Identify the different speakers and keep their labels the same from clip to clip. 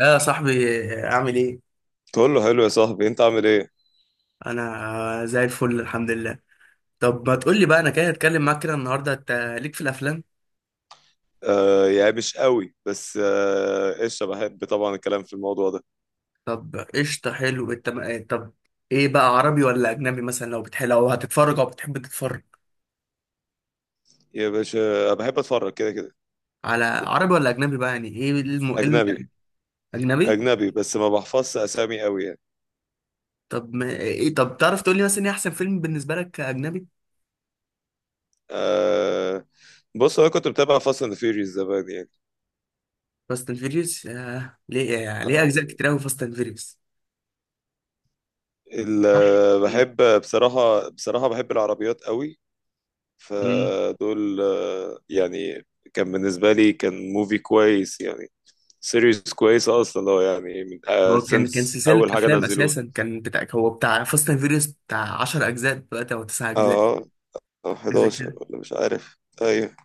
Speaker 1: لا يا صاحبي، اعمل ايه.
Speaker 2: تقول له حلو يا صاحبي انت عامل ايه.
Speaker 1: انا زي الفل الحمد لله. طب ما تقول لي بقى، انا كده هتكلم معاك كده النهارده، انت ليك في الافلام؟
Speaker 2: يا مش قوي، بس قشطه، بحب طبعا الكلام في الموضوع ده.
Speaker 1: طب قشطه حلو. انت ما- طب ايه بقى، عربي ولا اجنبي؟ مثلا لو بتحب، لو هتتفرج او بتحب تتفرج
Speaker 2: يا باشا، بحب اتفرج كده كده.
Speaker 1: على عربي ولا اجنبي بقى؟ يعني ايه الم... إيه ال-
Speaker 2: اجنبي.
Speaker 1: يعني اجنبي.
Speaker 2: اجنبي بس ما بحفظش اسامي قوي يعني.
Speaker 1: طب ما... ايه، طب تعرف تقول لي مثلا ايه احسن فيلم بالنسبه لك اجنبي؟
Speaker 2: آه. بص انا كنت بتابع فاست اند فيوريوس زمان يعني.
Speaker 1: فاست اند فيريوس. ليه يعني؟ ليه اجزاء
Speaker 2: آه.
Speaker 1: كتير قوي فاست اند فيريوس؟
Speaker 2: بحب بصراحه، بصراحه بحب العربيات قوي. فدول آه يعني. كان بالنسبه لي كان موفي كويس يعني. سيريز كويسه اصلا لو يعني من
Speaker 1: هو كان
Speaker 2: سنس
Speaker 1: سلسلة
Speaker 2: اول حاجه
Speaker 1: أفلام
Speaker 2: نزلوها.
Speaker 1: أساسا، كان بتاع، هو بتاع فاست أند فيريوس، بتاع 10 أجزاء دلوقتي أو 9 أجزاء،
Speaker 2: اه. او
Speaker 1: حاجة زي
Speaker 2: 11
Speaker 1: كده.
Speaker 2: ولا مش عارف، ايوه.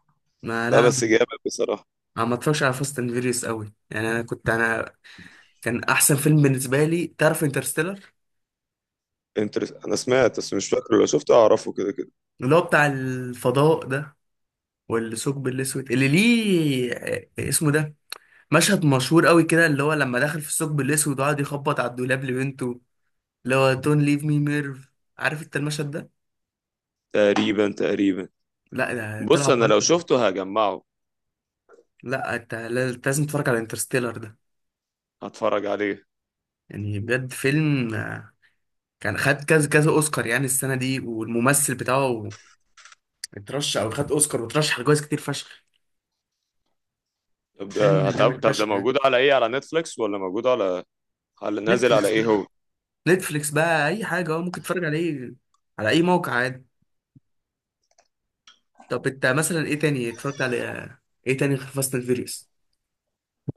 Speaker 1: ما
Speaker 2: لا
Speaker 1: لا أنا
Speaker 2: بس جامد بصراحه.
Speaker 1: أنا ما اتفرجش على فاست أند فيريوس أوي يعني. أنا كنت أنا كان أحسن فيلم بالنسبة لي، تعرف، انترستيلر.
Speaker 2: انا سمعت بس مش فاكره، لو شفته اعرفه كده كده.
Speaker 1: اللي هو بتاع الفضاء ده، والثقب الأسود اللي ليه اسمه ده مشهد مشهور أوي كده، اللي هو لما دخل في الثقب الأسود وقعد يخبط على الدولاب لبنته، اللي هو دونت ليف مي ميرف. عارف أنت المشهد ده؟
Speaker 2: تقريبا تقريبا.
Speaker 1: لا ده طلع
Speaker 2: بص انا
Speaker 1: بره.
Speaker 2: لو شفته هجمعه.
Speaker 1: لا انت لا- لازم تتفرج على انترستيلر ده.
Speaker 2: هتفرج عليه.
Speaker 1: يعني بجد فيلم كان خد كذا كذا اوسكار يعني السنه دي، والممثل بتاعه اترشح او خد اوسكار وترشح لجوائز كتير فشخ.
Speaker 2: طب ده
Speaker 1: فيلم جامد
Speaker 2: طب ده
Speaker 1: فشخ يعني.
Speaker 2: موجود على ايه؟ على نتفليكس ولا موجود على، على نازل على
Speaker 1: نتفليكس
Speaker 2: ايه
Speaker 1: بقى،
Speaker 2: هو؟
Speaker 1: نتفليكس بقى اي حاجه اه ممكن تتفرج عليه، على اي موقع عادي. طب انت مثلا ايه تاني اتفرجت على، ايه تاني غير فاست اند فيريوس؟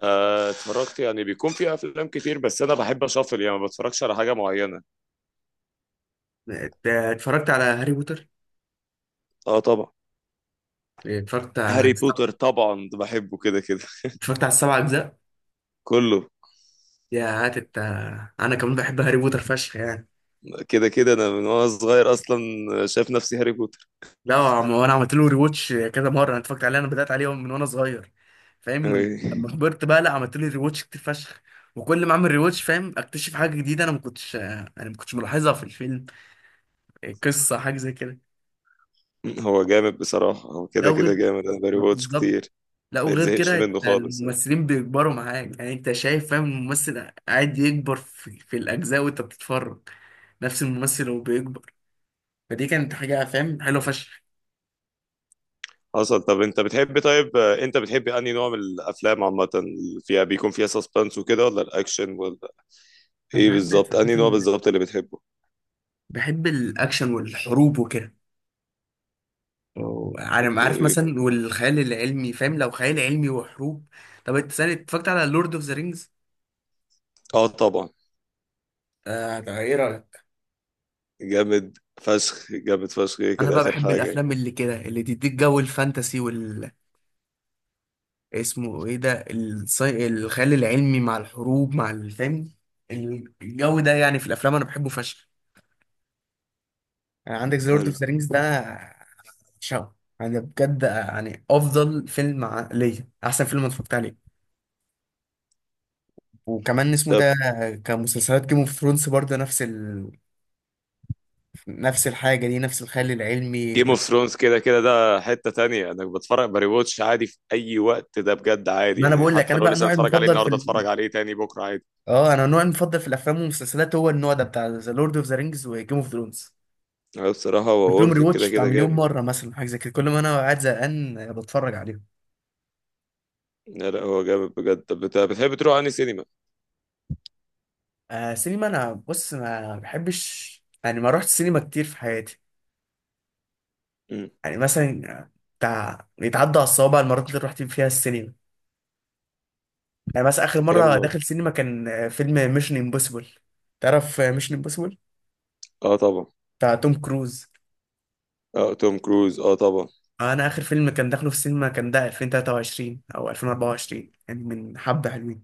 Speaker 2: اتفرجت يعني، بيكون في افلام كتير، بس انا بحب اشفل يعني، ما بتفرجش على حاجه معينه.
Speaker 1: اتفرجت على هاري بوتر.
Speaker 2: اه طبعا.
Speaker 1: اتفرجت على
Speaker 2: هاري
Speaker 1: السبع-
Speaker 2: بوتر طبعا ده بحبه كده كده.
Speaker 1: اتفرجت على السبع اجزاء.
Speaker 2: كله.
Speaker 1: يا هات انت، انا كمان بحب هاري بوتر فشخ يعني.
Speaker 2: كده كده انا من وانا صغير اصلا. شايف نفسي هاري بوتر.
Speaker 1: لا هو انا عملت له ريواتش كذا مره، انا اتفرجت عليه، انا بدات عليه من وانا صغير فاهم، من
Speaker 2: أي.
Speaker 1: لما كبرت بقى لا عملت له ريواتش كتير فشخ. وكل ما اعمل ريواتش فاهم اكتشف حاجه جديده انا ما كنتش ملاحظها في الفيلم، قصه حاجه زي كده.
Speaker 2: هو جامد بصراحة، هو
Speaker 1: لا
Speaker 2: كده كده
Speaker 1: وغير،
Speaker 2: جامد، أنا باري
Speaker 1: ما
Speaker 2: واتش
Speaker 1: بالظبط،
Speaker 2: كتير.
Speaker 1: لا
Speaker 2: ما
Speaker 1: وغير
Speaker 2: يتزهقش
Speaker 1: كده
Speaker 2: منه
Speaker 1: أنت
Speaker 2: خالص يعني.
Speaker 1: الممثلين بيكبروا معاك يعني، انت شايف فاهم الممثل قاعد يكبر في الاجزاء وانت بتتفرج، نفس الممثل وهو بيكبر. فدي كانت حاجه فاهم حلوه فشخ.
Speaker 2: حصل. طب أنت بتحب، طيب أنت بتحب أنهي نوع من الأفلام عامة؟ اللي فيها بيكون فيها سسبنس وكده، ولا الأكشن، ولا
Speaker 1: انا
Speaker 2: إيه
Speaker 1: بحب
Speaker 2: بالظبط؟
Speaker 1: صراحه،
Speaker 2: أنهي نوع بالظبط اللي بتحبه؟
Speaker 1: بحب الاكشن والحروب وكده، عارف، عارف
Speaker 2: أوكي.
Speaker 1: مثلا، والخيال العلمي فاهم، لو خيال علمي وحروب. طب انت سنة اتفرجت على لورد اوف ذا رينجز؟
Speaker 2: أه طبعا.
Speaker 1: آه طب ايه رأيك؟
Speaker 2: جامد فشخ، جامد فشخ، إيه
Speaker 1: انا
Speaker 2: كده
Speaker 1: بقى
Speaker 2: آخر
Speaker 1: بحب
Speaker 2: حاجة.
Speaker 1: الافلام اللي كده اللي تديك جو الفانتسي وال، اسمه ايه ده، الخيال العلمي مع الحروب مع الفهم، الجو ده يعني في الافلام انا بحبه فشخ. يعني عندك ذا لورد اوف
Speaker 2: حلو.
Speaker 1: ذا رينجز ده، شو، انا بجد يعني ليا احسن فيلم أنا اتفرجت عليه. وكمان اسمه
Speaker 2: طب
Speaker 1: ده، كمسلسلات جيم اوف ثرونز برضه، نفس نفس الحاجة دي، نفس الخيال العلمي
Speaker 2: جيم
Speaker 1: وال-
Speaker 2: اوف ثرونز كده كده ده حتة تانية، انا بتفرج باري واتش عادي في اي وقت ده بجد، عادي
Speaker 1: ما انا
Speaker 2: يعني،
Speaker 1: بقول لك،
Speaker 2: حتى
Speaker 1: انا
Speaker 2: لو
Speaker 1: بقى
Speaker 2: لسه
Speaker 1: نوعي
Speaker 2: اتفرج عليه
Speaker 1: المفضل في
Speaker 2: النهارده
Speaker 1: ال...
Speaker 2: اتفرج عليه تاني بكره عادي.
Speaker 1: اه انا نوعي المفضل في الافلام والمسلسلات هو النوع ده، بتاع ذا لورد اوف ذا رينجز وجيم اوف ثرونز.
Speaker 2: لا بصراحة
Speaker 1: قلت
Speaker 2: هو
Speaker 1: لهم
Speaker 2: ورث كده
Speaker 1: ريواتش بتاع
Speaker 2: كده
Speaker 1: مليون
Speaker 2: جامد.
Speaker 1: مرة مثلا، حاجة زي كده، كل ما انا قاعد زهقان بتفرج عليهم.
Speaker 2: لا لا هو جامد بجد. طب بتحب تروح أنهي سينما؟
Speaker 1: آه سينما انا بص ما بحبش يعني، ما رحت السينما كتير في حياتي.
Speaker 2: مم.
Speaker 1: يعني مثلا بتاع يتعدى على الصوابع المرات اللي رحت فيها السينما. يعني مثلا اخر
Speaker 2: كم
Speaker 1: مرة داخل
Speaker 2: مرة؟
Speaker 1: سينما كان فيلم ميشن امبوسيبل. تعرف ميشن امبوسيبل
Speaker 2: اه طبعا.
Speaker 1: بتاع توم كروز؟
Speaker 2: اه توم كروز اه طبعا.
Speaker 1: انا اخر فيلم كان داخله في السينما كان ده 2023 او 2024، يعني من حبة حلوين.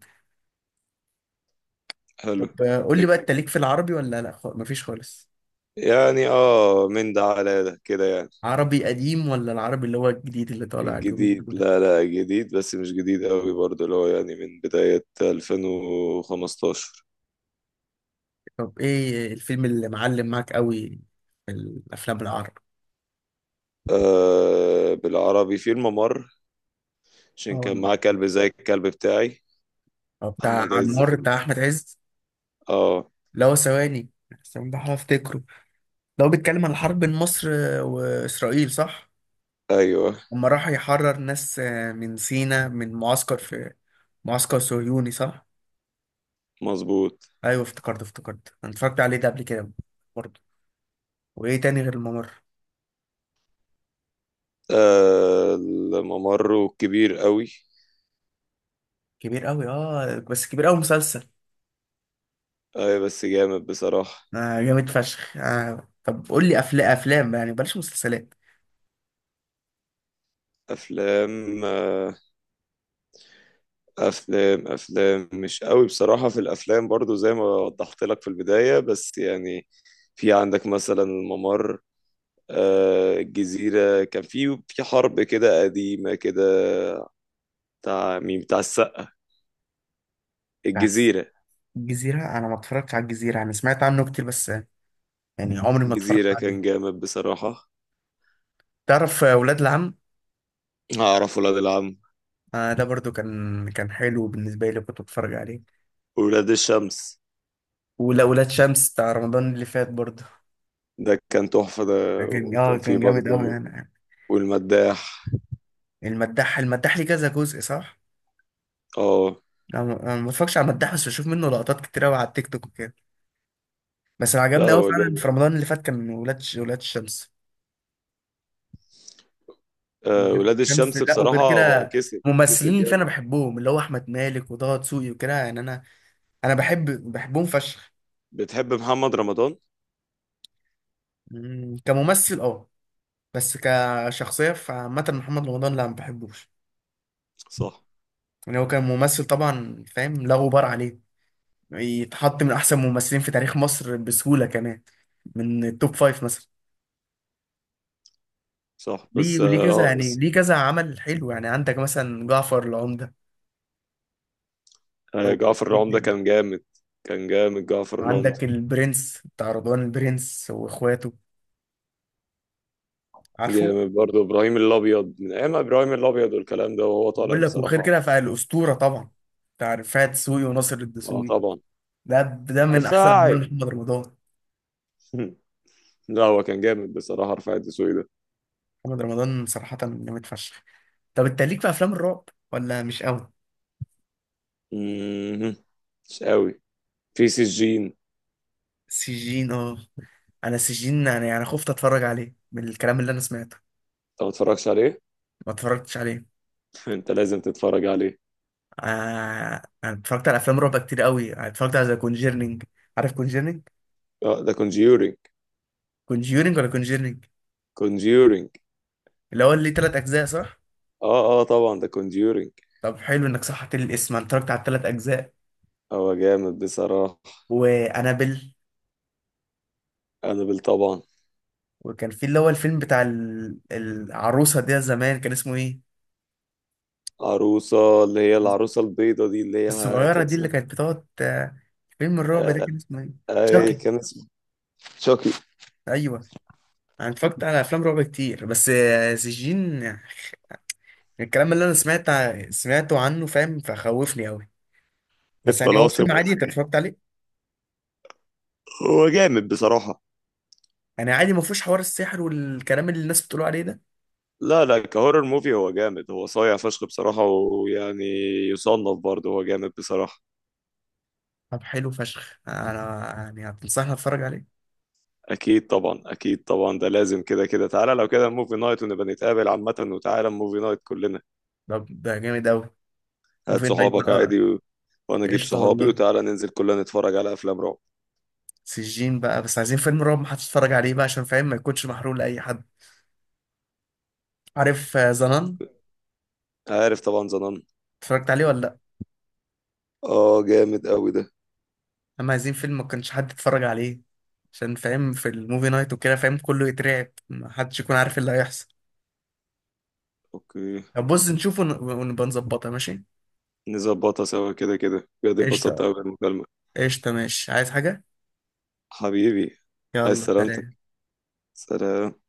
Speaker 2: حلو.
Speaker 1: طب قول لي بقى،
Speaker 2: لك-
Speaker 1: انت ليك في العربي ولا لا؟ مفيش خالص؟
Speaker 2: يعني اه من ده على ده كده يعني.
Speaker 1: عربي قديم ولا العربي اللي هو الجديد اللي طالع اليومين
Speaker 2: الجديد،
Speaker 1: دول؟
Speaker 2: لا لا جديد بس مش جديد قوي برضه، اللي هو يعني من بداية 2015.
Speaker 1: طب ايه الفيلم اللي معلم معاك قوي في الافلام العربي؟
Speaker 2: آه بالعربي في الممر. عشان كان
Speaker 1: اه،
Speaker 2: معاه كلب زي الكلب بتاعي.
Speaker 1: بتاع
Speaker 2: أحمد عز في
Speaker 1: عمار، بتاع احمد عز،
Speaker 2: اه.
Speaker 1: اللي هو، ثواني استنى بحاول افتكره. ده هو بيتكلم عن الحرب بين مصر واسرائيل صح؟
Speaker 2: أيوه.
Speaker 1: لما راح يحرر ناس من سينا، من معسكر في معسكر صهيوني صح.
Speaker 2: مظبوط.
Speaker 1: ايوه افتكرت افتكرت، انا اتفرجت عليه ده قبل كده برضه. وايه تاني غير الممر؟
Speaker 2: آه الممر كبير قوي.
Speaker 1: كبير قوي، اه بس كبير قوي مسلسل.
Speaker 2: آه بس جامد بصراحة.
Speaker 1: آه جامد فشخ. آه طب قول لي افلام افلام يعني، بلاش مسلسلات.
Speaker 2: أفلام آه. أفلام، أفلام مش قوي بصراحة في الأفلام برضو زي ما وضحت لك في البداية، بس يعني في عندك مثلا الممر. آه الجزيرة كان في حرب كده قديمة كده. بتاع مين؟ بتاع السقا.
Speaker 1: بس
Speaker 2: الجزيرة.
Speaker 1: الجزيره، انا ما اتفرجتش على الجزيره، انا سمعت عنه كتير بس، يعني عمري ما اتفرجت
Speaker 2: الجزيرة كان
Speaker 1: عليه.
Speaker 2: جامد بصراحة.
Speaker 1: تعرف ولاد العم؟
Speaker 2: أعرف ولاد العم.
Speaker 1: آه ده برضو كان حلو بالنسبه لي، كنت بتفرج عليه.
Speaker 2: ولاد الشمس.
Speaker 1: ولا ولاد شمس بتاع رمضان اللي فات برضو،
Speaker 2: ده كان تحفة ده،
Speaker 1: كان اه
Speaker 2: وكان فيه
Speaker 1: كان جامد قوي
Speaker 2: برضو
Speaker 1: يعني.
Speaker 2: والمداح.
Speaker 1: المداح المداح ليه كذا جزء صح.
Speaker 2: اه.
Speaker 1: أنا ما بتفرجش على مداح، بس بشوف منه لقطات كتير قوي على التيك توك وكده. بس اللي
Speaker 2: لا
Speaker 1: عجبني قوي
Speaker 2: هو
Speaker 1: فعلا
Speaker 2: جامد.
Speaker 1: في رمضان اللي فات كان ولاد الشمس.
Speaker 2: آه
Speaker 1: ولاد
Speaker 2: ولاد
Speaker 1: الشمس،
Speaker 2: الشمس
Speaker 1: لا
Speaker 2: بصراحة
Speaker 1: وغير
Speaker 2: هو
Speaker 1: كده
Speaker 2: كسب،
Speaker 1: ممثلين
Speaker 2: كسب
Speaker 1: اللي فيه انا
Speaker 2: جامد.
Speaker 1: بحبهم، اللي هو احمد مالك وطه دسوقي وكده يعني. انا بحبهم فشخ.
Speaker 2: بتحب محمد رمضان؟
Speaker 1: مم، كممثل اه، بس كشخصيه فعامه محمد رمضان لا ما بحبوش.
Speaker 2: صح.
Speaker 1: يعني هو كان ممثل طبعا فاهم، لا غبار عليه، يتحط من احسن ممثلين في تاريخ مصر بسهوله كمان، من التوب فايف مثلا.
Speaker 2: صح
Speaker 1: ليه
Speaker 2: بس
Speaker 1: وليه
Speaker 2: اه
Speaker 1: كذا يعني،
Speaker 2: بس
Speaker 1: ليه كذا عمل حلو، يعني عندك مثلا جعفر العمدة،
Speaker 2: آه
Speaker 1: أو
Speaker 2: جعفر العمدة كان جامد. كان جامد جعفر العمدة.
Speaker 1: عندك البرنس، بتاع رضوان، البرنس واخواته، عارفه.
Speaker 2: جامد برضه إبراهيم الأبيض، من أيام إبراهيم الأبيض والكلام ده وهو طالع
Speaker 1: بقول لك وغير كده،
Speaker 2: بصراحة.
Speaker 1: فالأسطورة طبعا، بتاع رفاعة دسوقي وناصر
Speaker 2: اه
Speaker 1: الدسوقي،
Speaker 2: طبعا.
Speaker 1: ده من أحسن
Speaker 2: رفاعي.
Speaker 1: أعمال محمد رمضان.
Speaker 2: لا هو كان جامد بصراحة رفاعي الدسوقي ده.
Speaker 1: محمد رمضان صراحة جامد فشخ. طب أنت ليك في أفلام الرعب ولا مش قوي؟
Speaker 2: مم. مش قوي. في سجين انت.
Speaker 1: سجين اه، أنا سجين يعني أنا خفت أتفرج عليه من الكلام اللي أنا سمعته.
Speaker 2: ما اتفرجش عليه.
Speaker 1: ما اتفرجتش عليه.
Speaker 2: انت لازم تتفرج عليه.
Speaker 1: آه انا اتفرجت على افلام رعب كتير قوي، أنا اتفرجت على ذا كونجيرنينج. عارف كونجيرنينج؟
Speaker 2: اه ده كونجيورينج.
Speaker 1: كونجيرنينج ولا كونجيرنينج؟
Speaker 2: كونجيورينج.
Speaker 1: اللي هو اللي تلات اجزاء صح.
Speaker 2: اه اه طبعا ده كونجيورينج.
Speaker 1: طب حلو انك صححت لي الاسم، انا اتفرجت على التلات اجزاء،
Speaker 2: هو جامد بصراحة.
Speaker 1: وانابل.
Speaker 2: انابل طبعا.
Speaker 1: وكان في اللي هو الفيلم العروسه ده زمان، كان اسمه ايه،
Speaker 2: عروسة، اللي هي العروسة البيضة دي، اللي هي
Speaker 1: الصغيره
Speaker 2: كان
Speaker 1: دي اللي
Speaker 2: اسمها
Speaker 1: كانت بتقعد، فيلم الرعب ده
Speaker 2: آه،
Speaker 1: كان اسمه ايه؟
Speaker 2: اي
Speaker 1: شاكي.
Speaker 2: كان اسمه. شوكي.
Speaker 1: ايوه. انا اتفرجت على افلام رعب كتير بس سجين، الكلام اللي انا سمعته عنه فاهم فخوفني قوي. بس يعني هو
Speaker 2: الطلاسم
Speaker 1: فيلم عادي انت
Speaker 2: والحاجات.
Speaker 1: اتفرجت عليه؟
Speaker 2: هو جامد بصراحة.
Speaker 1: يعني عادي، ما فيهوش حوار السحر والكلام اللي الناس بتقولوا عليه ده؟
Speaker 2: لا لا كهورر موفي هو جامد، هو صايع فشخ بصراحة، ويعني يصنف برضه هو جامد بصراحة.
Speaker 1: طب حلو فشخ، انا يعني هتنصحني اتفرج عليه.
Speaker 2: أكيد طبعا، أكيد طبعا ده لازم كده كده. تعالى لو كده موفي نايت، ونبقى نتقابل عامة، وتعالى موفي نايت كلنا.
Speaker 1: طب ده جامد قوي،
Speaker 2: هات
Speaker 1: موفي نايت
Speaker 2: صحابك
Speaker 1: بقى.
Speaker 2: عادي و... وأنا أجيب
Speaker 1: قشطه
Speaker 2: صحابي،
Speaker 1: والله.
Speaker 2: وتعالى ننزل كلنا نتفرج على أفلام رعب.
Speaker 1: سجين بقى، بس عايزين فيلم رعب ما هتتفرج عليه بقى، عشان فاهم ما يكونش محروق لاي حد. عارف زنان؟
Speaker 2: عارف طبعا زنان.
Speaker 1: اتفرجت عليه ولا لا؟
Speaker 2: اه جامد قوي ده.
Speaker 1: اما عايزين فيلم ما كانش حد يتفرج عليه، عشان فاهم في الموفي نايت وكده فاهم كله يترعب، ما حدش يكون عارف اللي هيحصل.
Speaker 2: اوكي.
Speaker 1: طب بص نشوفه ونبقى نظبطها ماشي.
Speaker 2: نظبطها سوا كده كده، بجد اتبسطت
Speaker 1: قشطه.
Speaker 2: قوي بالمكالمة.
Speaker 1: قشطه ماشي، عايز حاجه؟
Speaker 2: حبيبي. عايز
Speaker 1: يلا
Speaker 2: سلامتك.
Speaker 1: سلام.
Speaker 2: سلام.